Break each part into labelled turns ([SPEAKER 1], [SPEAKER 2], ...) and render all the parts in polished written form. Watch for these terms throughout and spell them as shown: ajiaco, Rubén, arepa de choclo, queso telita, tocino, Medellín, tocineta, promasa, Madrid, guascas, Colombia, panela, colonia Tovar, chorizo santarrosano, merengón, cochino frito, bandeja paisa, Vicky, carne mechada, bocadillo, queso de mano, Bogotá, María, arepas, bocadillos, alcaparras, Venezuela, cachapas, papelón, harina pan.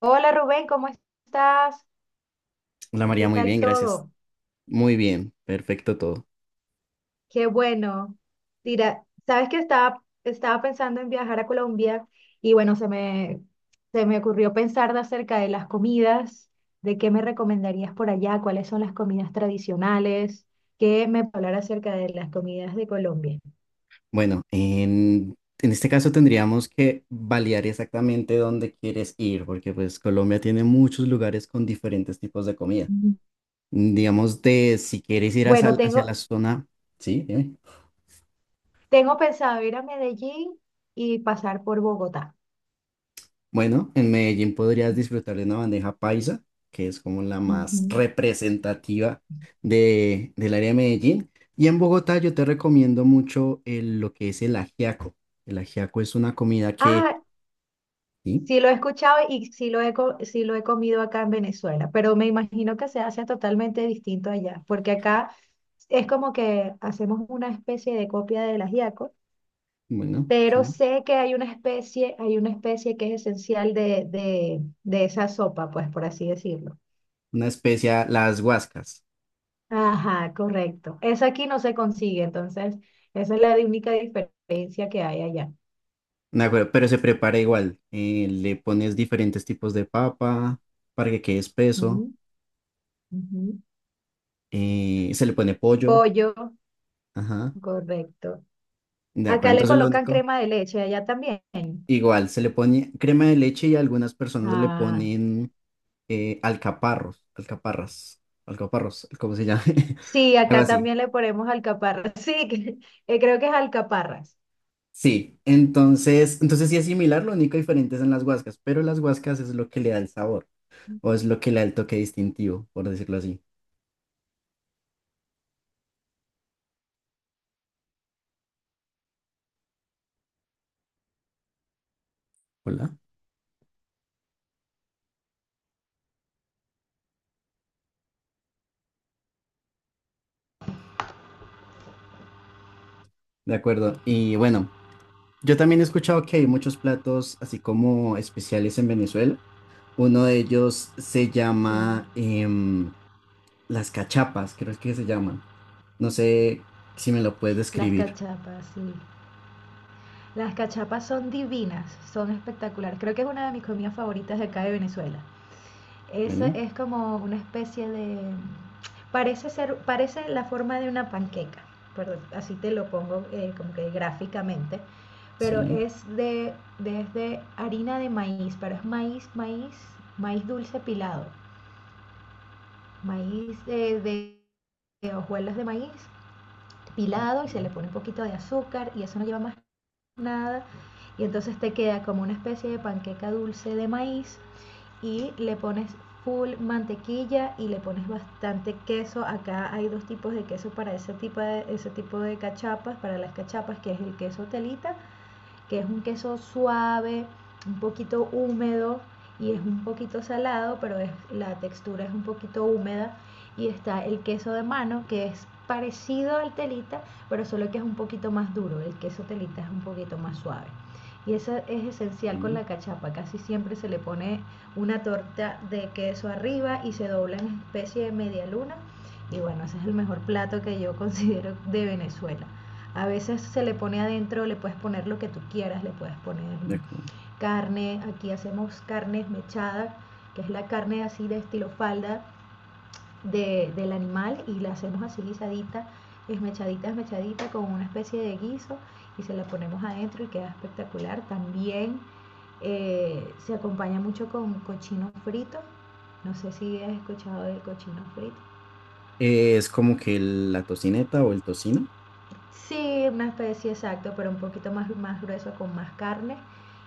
[SPEAKER 1] Hola Rubén, ¿cómo estás?
[SPEAKER 2] Hola María,
[SPEAKER 1] ¿Qué
[SPEAKER 2] muy
[SPEAKER 1] tal
[SPEAKER 2] bien, gracias.
[SPEAKER 1] todo?
[SPEAKER 2] Muy bien, perfecto todo.
[SPEAKER 1] Qué bueno. Mira, sabes que estaba pensando en viajar a Colombia y bueno, se me ocurrió pensar de acerca de las comidas, de qué me recomendarías por allá, cuáles son las comidas tradicionales, qué me puedes hablar acerca de las comidas de Colombia.
[SPEAKER 2] Bueno, en este caso tendríamos que validar exactamente dónde quieres ir, porque pues Colombia tiene muchos lugares con diferentes tipos de comida.
[SPEAKER 1] Ujú.
[SPEAKER 2] Digamos de si quieres ir hacia,
[SPEAKER 1] Bueno,
[SPEAKER 2] hacia la zona, sí, dime.
[SPEAKER 1] tengo pensado ir a Medellín y pasar por Bogotá.
[SPEAKER 2] Bueno, en Medellín podrías disfrutar de una bandeja paisa, que es como la más
[SPEAKER 1] Ujú.
[SPEAKER 2] representativa del área de Medellín. Y en Bogotá yo te recomiendo mucho lo que es el ajiaco. El ajiaco es una comida que,
[SPEAKER 1] Ah,
[SPEAKER 2] sí,
[SPEAKER 1] sí lo he escuchado y sí sí lo he comido acá en Venezuela, pero me imagino que se hace totalmente distinto allá, porque acá es como que hacemos una especie de copia del ajiaco,
[SPEAKER 2] bueno,
[SPEAKER 1] pero
[SPEAKER 2] sí,
[SPEAKER 1] sé que hay una especie que es esencial de esa sopa, pues por así decirlo.
[SPEAKER 2] una especia, las guascas,
[SPEAKER 1] Ajá, correcto. Esa aquí no se consigue, entonces esa es la única diferencia que hay allá.
[SPEAKER 2] de acuerdo, pero se prepara igual. Le pones diferentes tipos de papa para que quede
[SPEAKER 1] Ujú,
[SPEAKER 2] espeso.
[SPEAKER 1] ujú.
[SPEAKER 2] Se le pone pollo,
[SPEAKER 1] Pollo,
[SPEAKER 2] ajá,
[SPEAKER 1] correcto.
[SPEAKER 2] de acuerdo.
[SPEAKER 1] Acá le
[SPEAKER 2] Entonces lo
[SPEAKER 1] colocan
[SPEAKER 2] único...
[SPEAKER 1] crema de leche, allá también.
[SPEAKER 2] Igual, se le pone crema de leche y algunas personas le
[SPEAKER 1] Ah,
[SPEAKER 2] ponen alcaparras, alcaparros, ¿cómo se llama?
[SPEAKER 1] sí,
[SPEAKER 2] Algo
[SPEAKER 1] acá
[SPEAKER 2] así.
[SPEAKER 1] también le ponemos alcaparras. Sí, creo que es alcaparras.
[SPEAKER 2] Sí, entonces sí es similar, lo único diferente es en las guascas, pero las guascas es lo que le da el sabor, o es lo que le da el toque distintivo, por decirlo así. Hola. De acuerdo. Y bueno, yo también he escuchado que hay muchos platos así como especiales en Venezuela. Uno de ellos se
[SPEAKER 1] Sí,
[SPEAKER 2] llama las cachapas, creo que se llaman. No sé si me lo puedes describir.
[SPEAKER 1] sí. Las cachapas son divinas, son espectaculares. Creo que es una de mis comidas favoritas de acá de Venezuela. Esa
[SPEAKER 2] Bueno,
[SPEAKER 1] es como una especie de... Parece ser, parece la forma de una panqueca, perdón, así te lo pongo como que gráficamente, pero
[SPEAKER 2] sí.
[SPEAKER 1] es desde harina de maíz, pero es maíz, maíz, maíz dulce pilado. Maíz de hojuelas de maíz pilado y se le
[SPEAKER 2] Ok,
[SPEAKER 1] pone un poquito de azúcar y eso no lleva más nada. Y entonces te queda como una especie de panqueca dulce de maíz y le pones full mantequilla y le pones bastante queso. Acá hay dos tipos de queso para ese tipo de cachapas, para las cachapas, que es el queso telita, que es un queso suave, un poquito húmedo y es un poquito salado, pero es, la textura es un poquito húmeda. Y está el queso de mano, que es parecido al telita, pero solo que es un poquito más duro. El queso telita es un poquito más suave. Y eso es esencial con
[SPEAKER 2] ok,
[SPEAKER 1] la cachapa. Casi siempre se le pone una torta de queso arriba y se dobla en especie de media luna. Y bueno, ese es el mejor plato que yo considero de Venezuela. A veces se le pone adentro, le puedes poner lo que tú quieras, le puedes poner
[SPEAKER 2] de acuerdo.
[SPEAKER 1] carne. Aquí hacemos carne mechada, que es la carne así de estilo falda, del animal y la hacemos así guisadita, esmechadita, esmechadita con una especie de guiso y se la ponemos adentro y queda espectacular. También se acompaña mucho con cochino frito. No sé si has escuchado del cochino frito.
[SPEAKER 2] Es como que la tocineta o el tocino.
[SPEAKER 1] Sí, una especie exacto, pero un poquito más, más grueso con más carne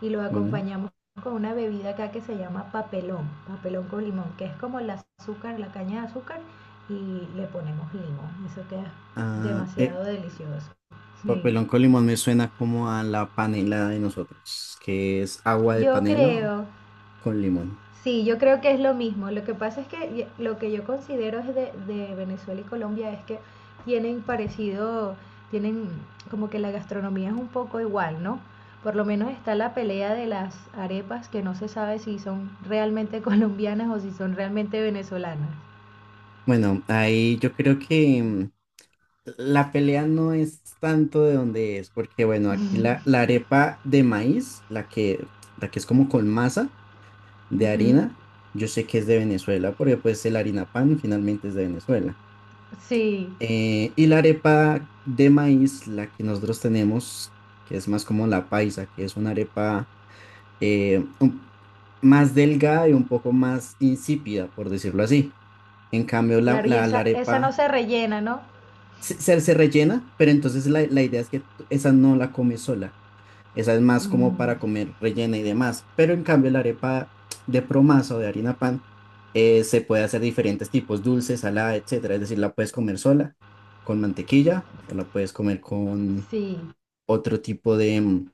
[SPEAKER 1] y lo
[SPEAKER 2] Bueno,
[SPEAKER 1] acompañamos con una bebida acá que se llama papelón, papelón con limón, que es como el azúcar, la caña de azúcar y le ponemos limón. Eso queda
[SPEAKER 2] ah,
[SPEAKER 1] demasiado delicioso. Sí.
[SPEAKER 2] papelón con limón me suena como a la panela de nosotros, que es agua de
[SPEAKER 1] Yo
[SPEAKER 2] panela
[SPEAKER 1] creo
[SPEAKER 2] con limón.
[SPEAKER 1] Sí, yo creo que es lo mismo. Lo que pasa es que lo que yo considero es de Venezuela y Colombia es que tienen parecido, tienen como que la gastronomía es un poco igual, ¿no? Por lo menos está la pelea de las arepas que no se sabe si son realmente colombianas o si son realmente venezolanas.
[SPEAKER 2] Bueno, ahí yo creo que la pelea no es tanto de donde es, porque bueno, aquí la arepa de maíz, la que es como con masa de
[SPEAKER 1] Ujú.
[SPEAKER 2] harina, yo sé que es de Venezuela, porque pues el harina pan finalmente es de Venezuela.
[SPEAKER 1] Sí,
[SPEAKER 2] Y la arepa de maíz, la que nosotros tenemos, que es más como la paisa, que es una arepa eh, un- más delgada y un poco más insípida, por decirlo así. En cambio,
[SPEAKER 1] claro, y
[SPEAKER 2] la
[SPEAKER 1] esa no
[SPEAKER 2] arepa
[SPEAKER 1] se rellena, ¿no?
[SPEAKER 2] se rellena, pero entonces la idea es que esa no la comes sola. Esa es más como
[SPEAKER 1] Mm,
[SPEAKER 2] para comer rellena y demás. Pero en cambio, la arepa de promasa o de harina pan se puede hacer diferentes tipos, dulce, salada, etcétera. Es decir, la puedes comer sola, con mantequilla, o la puedes comer con
[SPEAKER 1] sí,
[SPEAKER 2] otro tipo de,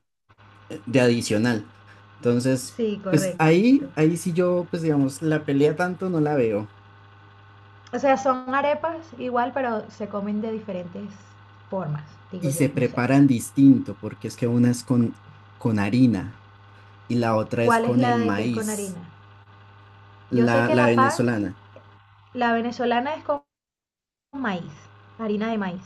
[SPEAKER 2] de adicional. Entonces,
[SPEAKER 1] sí,
[SPEAKER 2] pues
[SPEAKER 1] correcto.
[SPEAKER 2] ahí sí yo, pues digamos, la pelea tanto no la veo.
[SPEAKER 1] O sea, son arepas igual, pero se comen de diferentes formas, digo
[SPEAKER 2] Y
[SPEAKER 1] yo,
[SPEAKER 2] se
[SPEAKER 1] no sé.
[SPEAKER 2] preparan distinto, porque es que una es con harina y la otra es
[SPEAKER 1] ¿Cuál es
[SPEAKER 2] con
[SPEAKER 1] la
[SPEAKER 2] el
[SPEAKER 1] de que es con
[SPEAKER 2] maíz,
[SPEAKER 1] harina? Yo sé que
[SPEAKER 2] la
[SPEAKER 1] la pan,
[SPEAKER 2] venezolana.
[SPEAKER 1] la venezolana es con maíz, harina de maíz.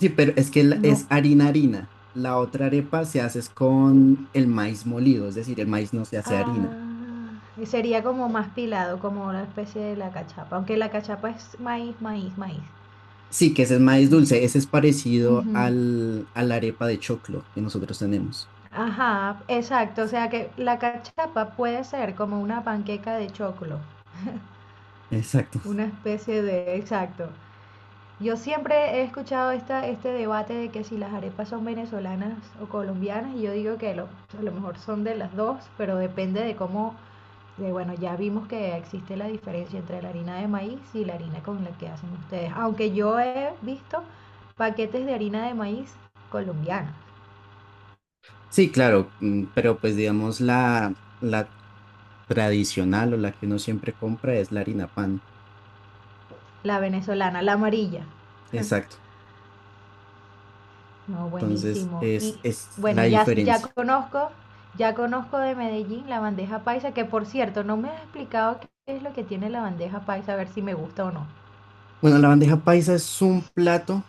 [SPEAKER 2] Sí, pero es que
[SPEAKER 1] No.
[SPEAKER 2] es harina harina. La otra arepa se hace es con el maíz molido, es decir, el maíz no se hace harina.
[SPEAKER 1] Ah, sería como más pilado, como una especie de la cachapa. Aunque la cachapa es maíz, maíz, maíz.
[SPEAKER 2] Sí, que ese es maíz dulce, ese es
[SPEAKER 1] Mm.
[SPEAKER 2] parecido
[SPEAKER 1] Ujú.
[SPEAKER 2] al, a la arepa de choclo que nosotros tenemos.
[SPEAKER 1] Ajá, exacto. O sea que la cachapa puede ser como una panqueca de choclo.
[SPEAKER 2] Exacto.
[SPEAKER 1] Una especie de, exacto. Yo siempre he escuchado este debate de que si las arepas son venezolanas o colombianas, y yo digo que a lo mejor son de las dos, pero depende de cómo, bueno, ya vimos que existe la diferencia entre la harina de maíz y la harina con la que hacen ustedes. Aunque yo he visto paquetes de harina de maíz colombiana,
[SPEAKER 2] Sí, claro, mm, pero pues digamos la, la tradicional o la que uno siempre compra es la harina pan.
[SPEAKER 1] la venezolana, la amarilla.
[SPEAKER 2] Exacto.
[SPEAKER 1] No, buenísimo. Y
[SPEAKER 2] Es
[SPEAKER 1] bueno,
[SPEAKER 2] la diferencia.
[SPEAKER 1] ya conozco de Medellín la bandeja paisa, que por cierto, no me has explicado qué es lo que tiene la bandeja paisa, a ver si me gusta o no.
[SPEAKER 2] Bueno, la bandeja paisa es un plato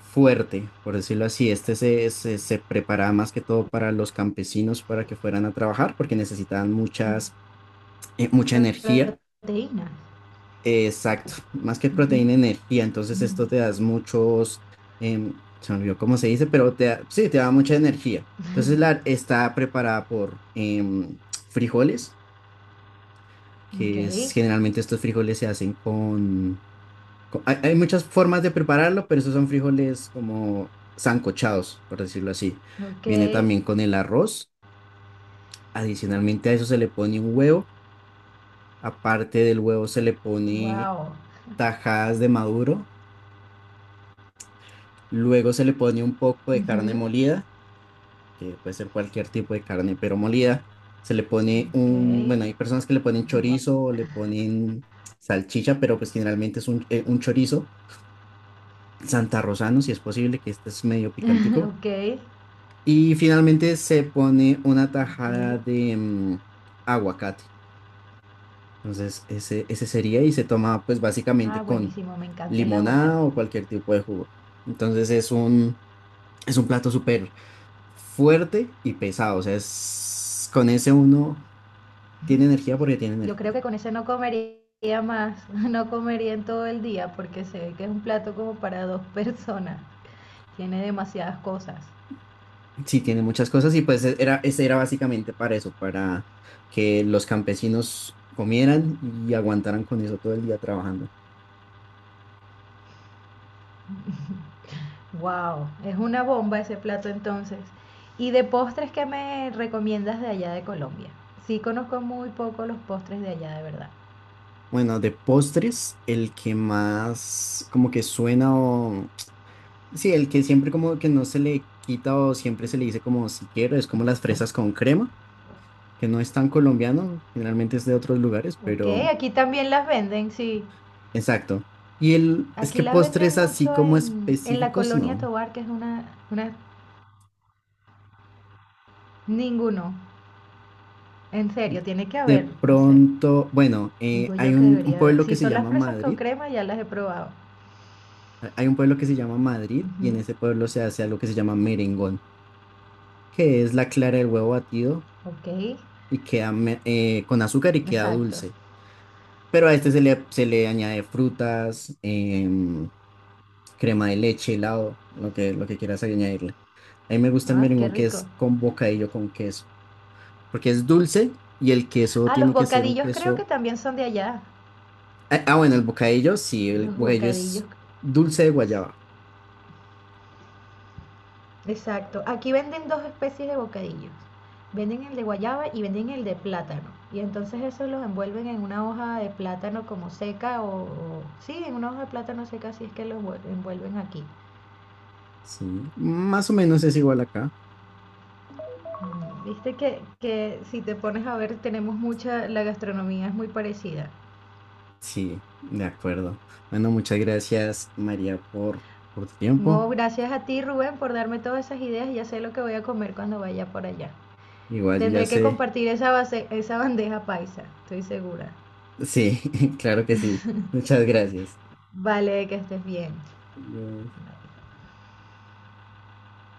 [SPEAKER 2] fuerte, por decirlo así. Este se preparaba más que todo para los campesinos para que fueran a trabajar porque necesitaban
[SPEAKER 1] Mm,
[SPEAKER 2] muchas, mucha energía.
[SPEAKER 1] proteínas.
[SPEAKER 2] Exacto, más que
[SPEAKER 1] Ujú,
[SPEAKER 2] proteína, energía. Entonces
[SPEAKER 1] mm.
[SPEAKER 2] esto te da muchos, se me olvidó cómo se dice, pero sí, te da mucha energía. Entonces la, está preparada por frijoles,
[SPEAKER 1] Ok,
[SPEAKER 2] que es, generalmente estos frijoles se hacen con hay, hay muchas formas de prepararlo, pero esos son frijoles como sancochados, por decirlo así.
[SPEAKER 1] ok,
[SPEAKER 2] Viene también con el arroz. Adicionalmente a eso se le pone un huevo. Aparte del huevo se le pone
[SPEAKER 1] wow.
[SPEAKER 2] tajadas de maduro. Luego se le pone un poco de carne
[SPEAKER 1] Ujú,
[SPEAKER 2] molida, que puede ser cualquier tipo de carne, pero molida. Se le pone
[SPEAKER 1] ok,
[SPEAKER 2] un, bueno, hay personas que le ponen
[SPEAKER 1] wow.
[SPEAKER 2] chorizo o le ponen salchicha, pero pues generalmente es un chorizo santarrosano, si es posible, que este es medio picantico.
[SPEAKER 1] Ok,
[SPEAKER 2] Y finalmente se pone una tajada
[SPEAKER 1] ok.
[SPEAKER 2] de aguacate. Entonces, ese sería y se toma pues
[SPEAKER 1] Ah,
[SPEAKER 2] básicamente con
[SPEAKER 1] buenísimo, me encanta el
[SPEAKER 2] limonada
[SPEAKER 1] aguacate.
[SPEAKER 2] o cualquier tipo de jugo. Entonces es un plato súper fuerte y pesado. O sea, es, con ese uno tiene energía porque tiene
[SPEAKER 1] Yo creo
[SPEAKER 2] energía.
[SPEAKER 1] que con ese no comería más, no comería en todo el día porque sé que es un plato como para dos personas. Tiene demasiadas cosas.
[SPEAKER 2] Sí, tiene muchas cosas y pues ese era básicamente para eso, para que los campesinos comieran y aguantaran con eso todo el día trabajando.
[SPEAKER 1] Wow, es una bomba ese plato entonces. ¿Y de postres qué me recomiendas de allá de Colombia? Sí, conozco muy poco los postres de allá de verdad.
[SPEAKER 2] Bueno, de postres, el que más como que suena o... Sí, el que siempre como que no se le quita o siempre se le dice como si quiero, es como las fresas con crema, que no es tan colombiano, generalmente es de otros lugares,
[SPEAKER 1] Ok,
[SPEAKER 2] pero
[SPEAKER 1] aquí también las venden, sí.
[SPEAKER 2] exacto. Y el, es
[SPEAKER 1] Aquí
[SPEAKER 2] que
[SPEAKER 1] las venden
[SPEAKER 2] postres así
[SPEAKER 1] mucho
[SPEAKER 2] como
[SPEAKER 1] en la
[SPEAKER 2] específicos,
[SPEAKER 1] colonia
[SPEAKER 2] no.
[SPEAKER 1] Tovar que es una... Ninguno. En serio, tiene que
[SPEAKER 2] De
[SPEAKER 1] haber, no sé.
[SPEAKER 2] pronto, bueno,
[SPEAKER 1] Digo
[SPEAKER 2] hay
[SPEAKER 1] yo que
[SPEAKER 2] un
[SPEAKER 1] debería haber.
[SPEAKER 2] pueblo que
[SPEAKER 1] Si
[SPEAKER 2] se
[SPEAKER 1] son las
[SPEAKER 2] llama
[SPEAKER 1] fresas con
[SPEAKER 2] Madrid,
[SPEAKER 1] crema, ya las he probado.
[SPEAKER 2] hay un pueblo que se llama Madrid y en
[SPEAKER 1] Ujú,
[SPEAKER 2] ese pueblo se hace algo que se llama merengón, que es la clara del huevo batido
[SPEAKER 1] ok,
[SPEAKER 2] y queda con azúcar y queda
[SPEAKER 1] exacto.
[SPEAKER 2] dulce. Pero a este se le añade frutas, crema de leche, helado, lo que quieras añadirle. A mí me gusta el
[SPEAKER 1] Ah, qué
[SPEAKER 2] merengón que
[SPEAKER 1] rico.
[SPEAKER 2] es con bocadillo con queso, porque es dulce y el queso
[SPEAKER 1] Ah, los
[SPEAKER 2] tiene que ser un
[SPEAKER 1] bocadillos creo que
[SPEAKER 2] queso.
[SPEAKER 1] también son de allá.
[SPEAKER 2] Bueno, el bocadillo, sí, el
[SPEAKER 1] Los
[SPEAKER 2] bocadillo
[SPEAKER 1] bocadillos.
[SPEAKER 2] es dulce de guayaba.
[SPEAKER 1] Exacto. Aquí venden dos especies de bocadillos. Venden el de guayaba y venden el de plátano. Y entonces eso los envuelven en una hoja de plátano como seca o, sí, en una hoja de plátano seca, así es que envuelven aquí.
[SPEAKER 2] Sí, más o menos es igual acá.
[SPEAKER 1] Viste que si te pones a ver, tenemos mucha, la gastronomía es muy parecida.
[SPEAKER 2] Sí, de acuerdo. Bueno, muchas gracias, María, por tu tiempo.
[SPEAKER 1] No, gracias a ti, Rubén, por darme todas esas ideas. Ya sé lo que voy a comer cuando vaya por allá.
[SPEAKER 2] Igual yo ya
[SPEAKER 1] Tendré que
[SPEAKER 2] sé.
[SPEAKER 1] compartir esa base, esa bandeja paisa, estoy segura.
[SPEAKER 2] Sí, claro que sí. Muchas gracias.
[SPEAKER 1] Vale, que estés bien.
[SPEAKER 2] Ya.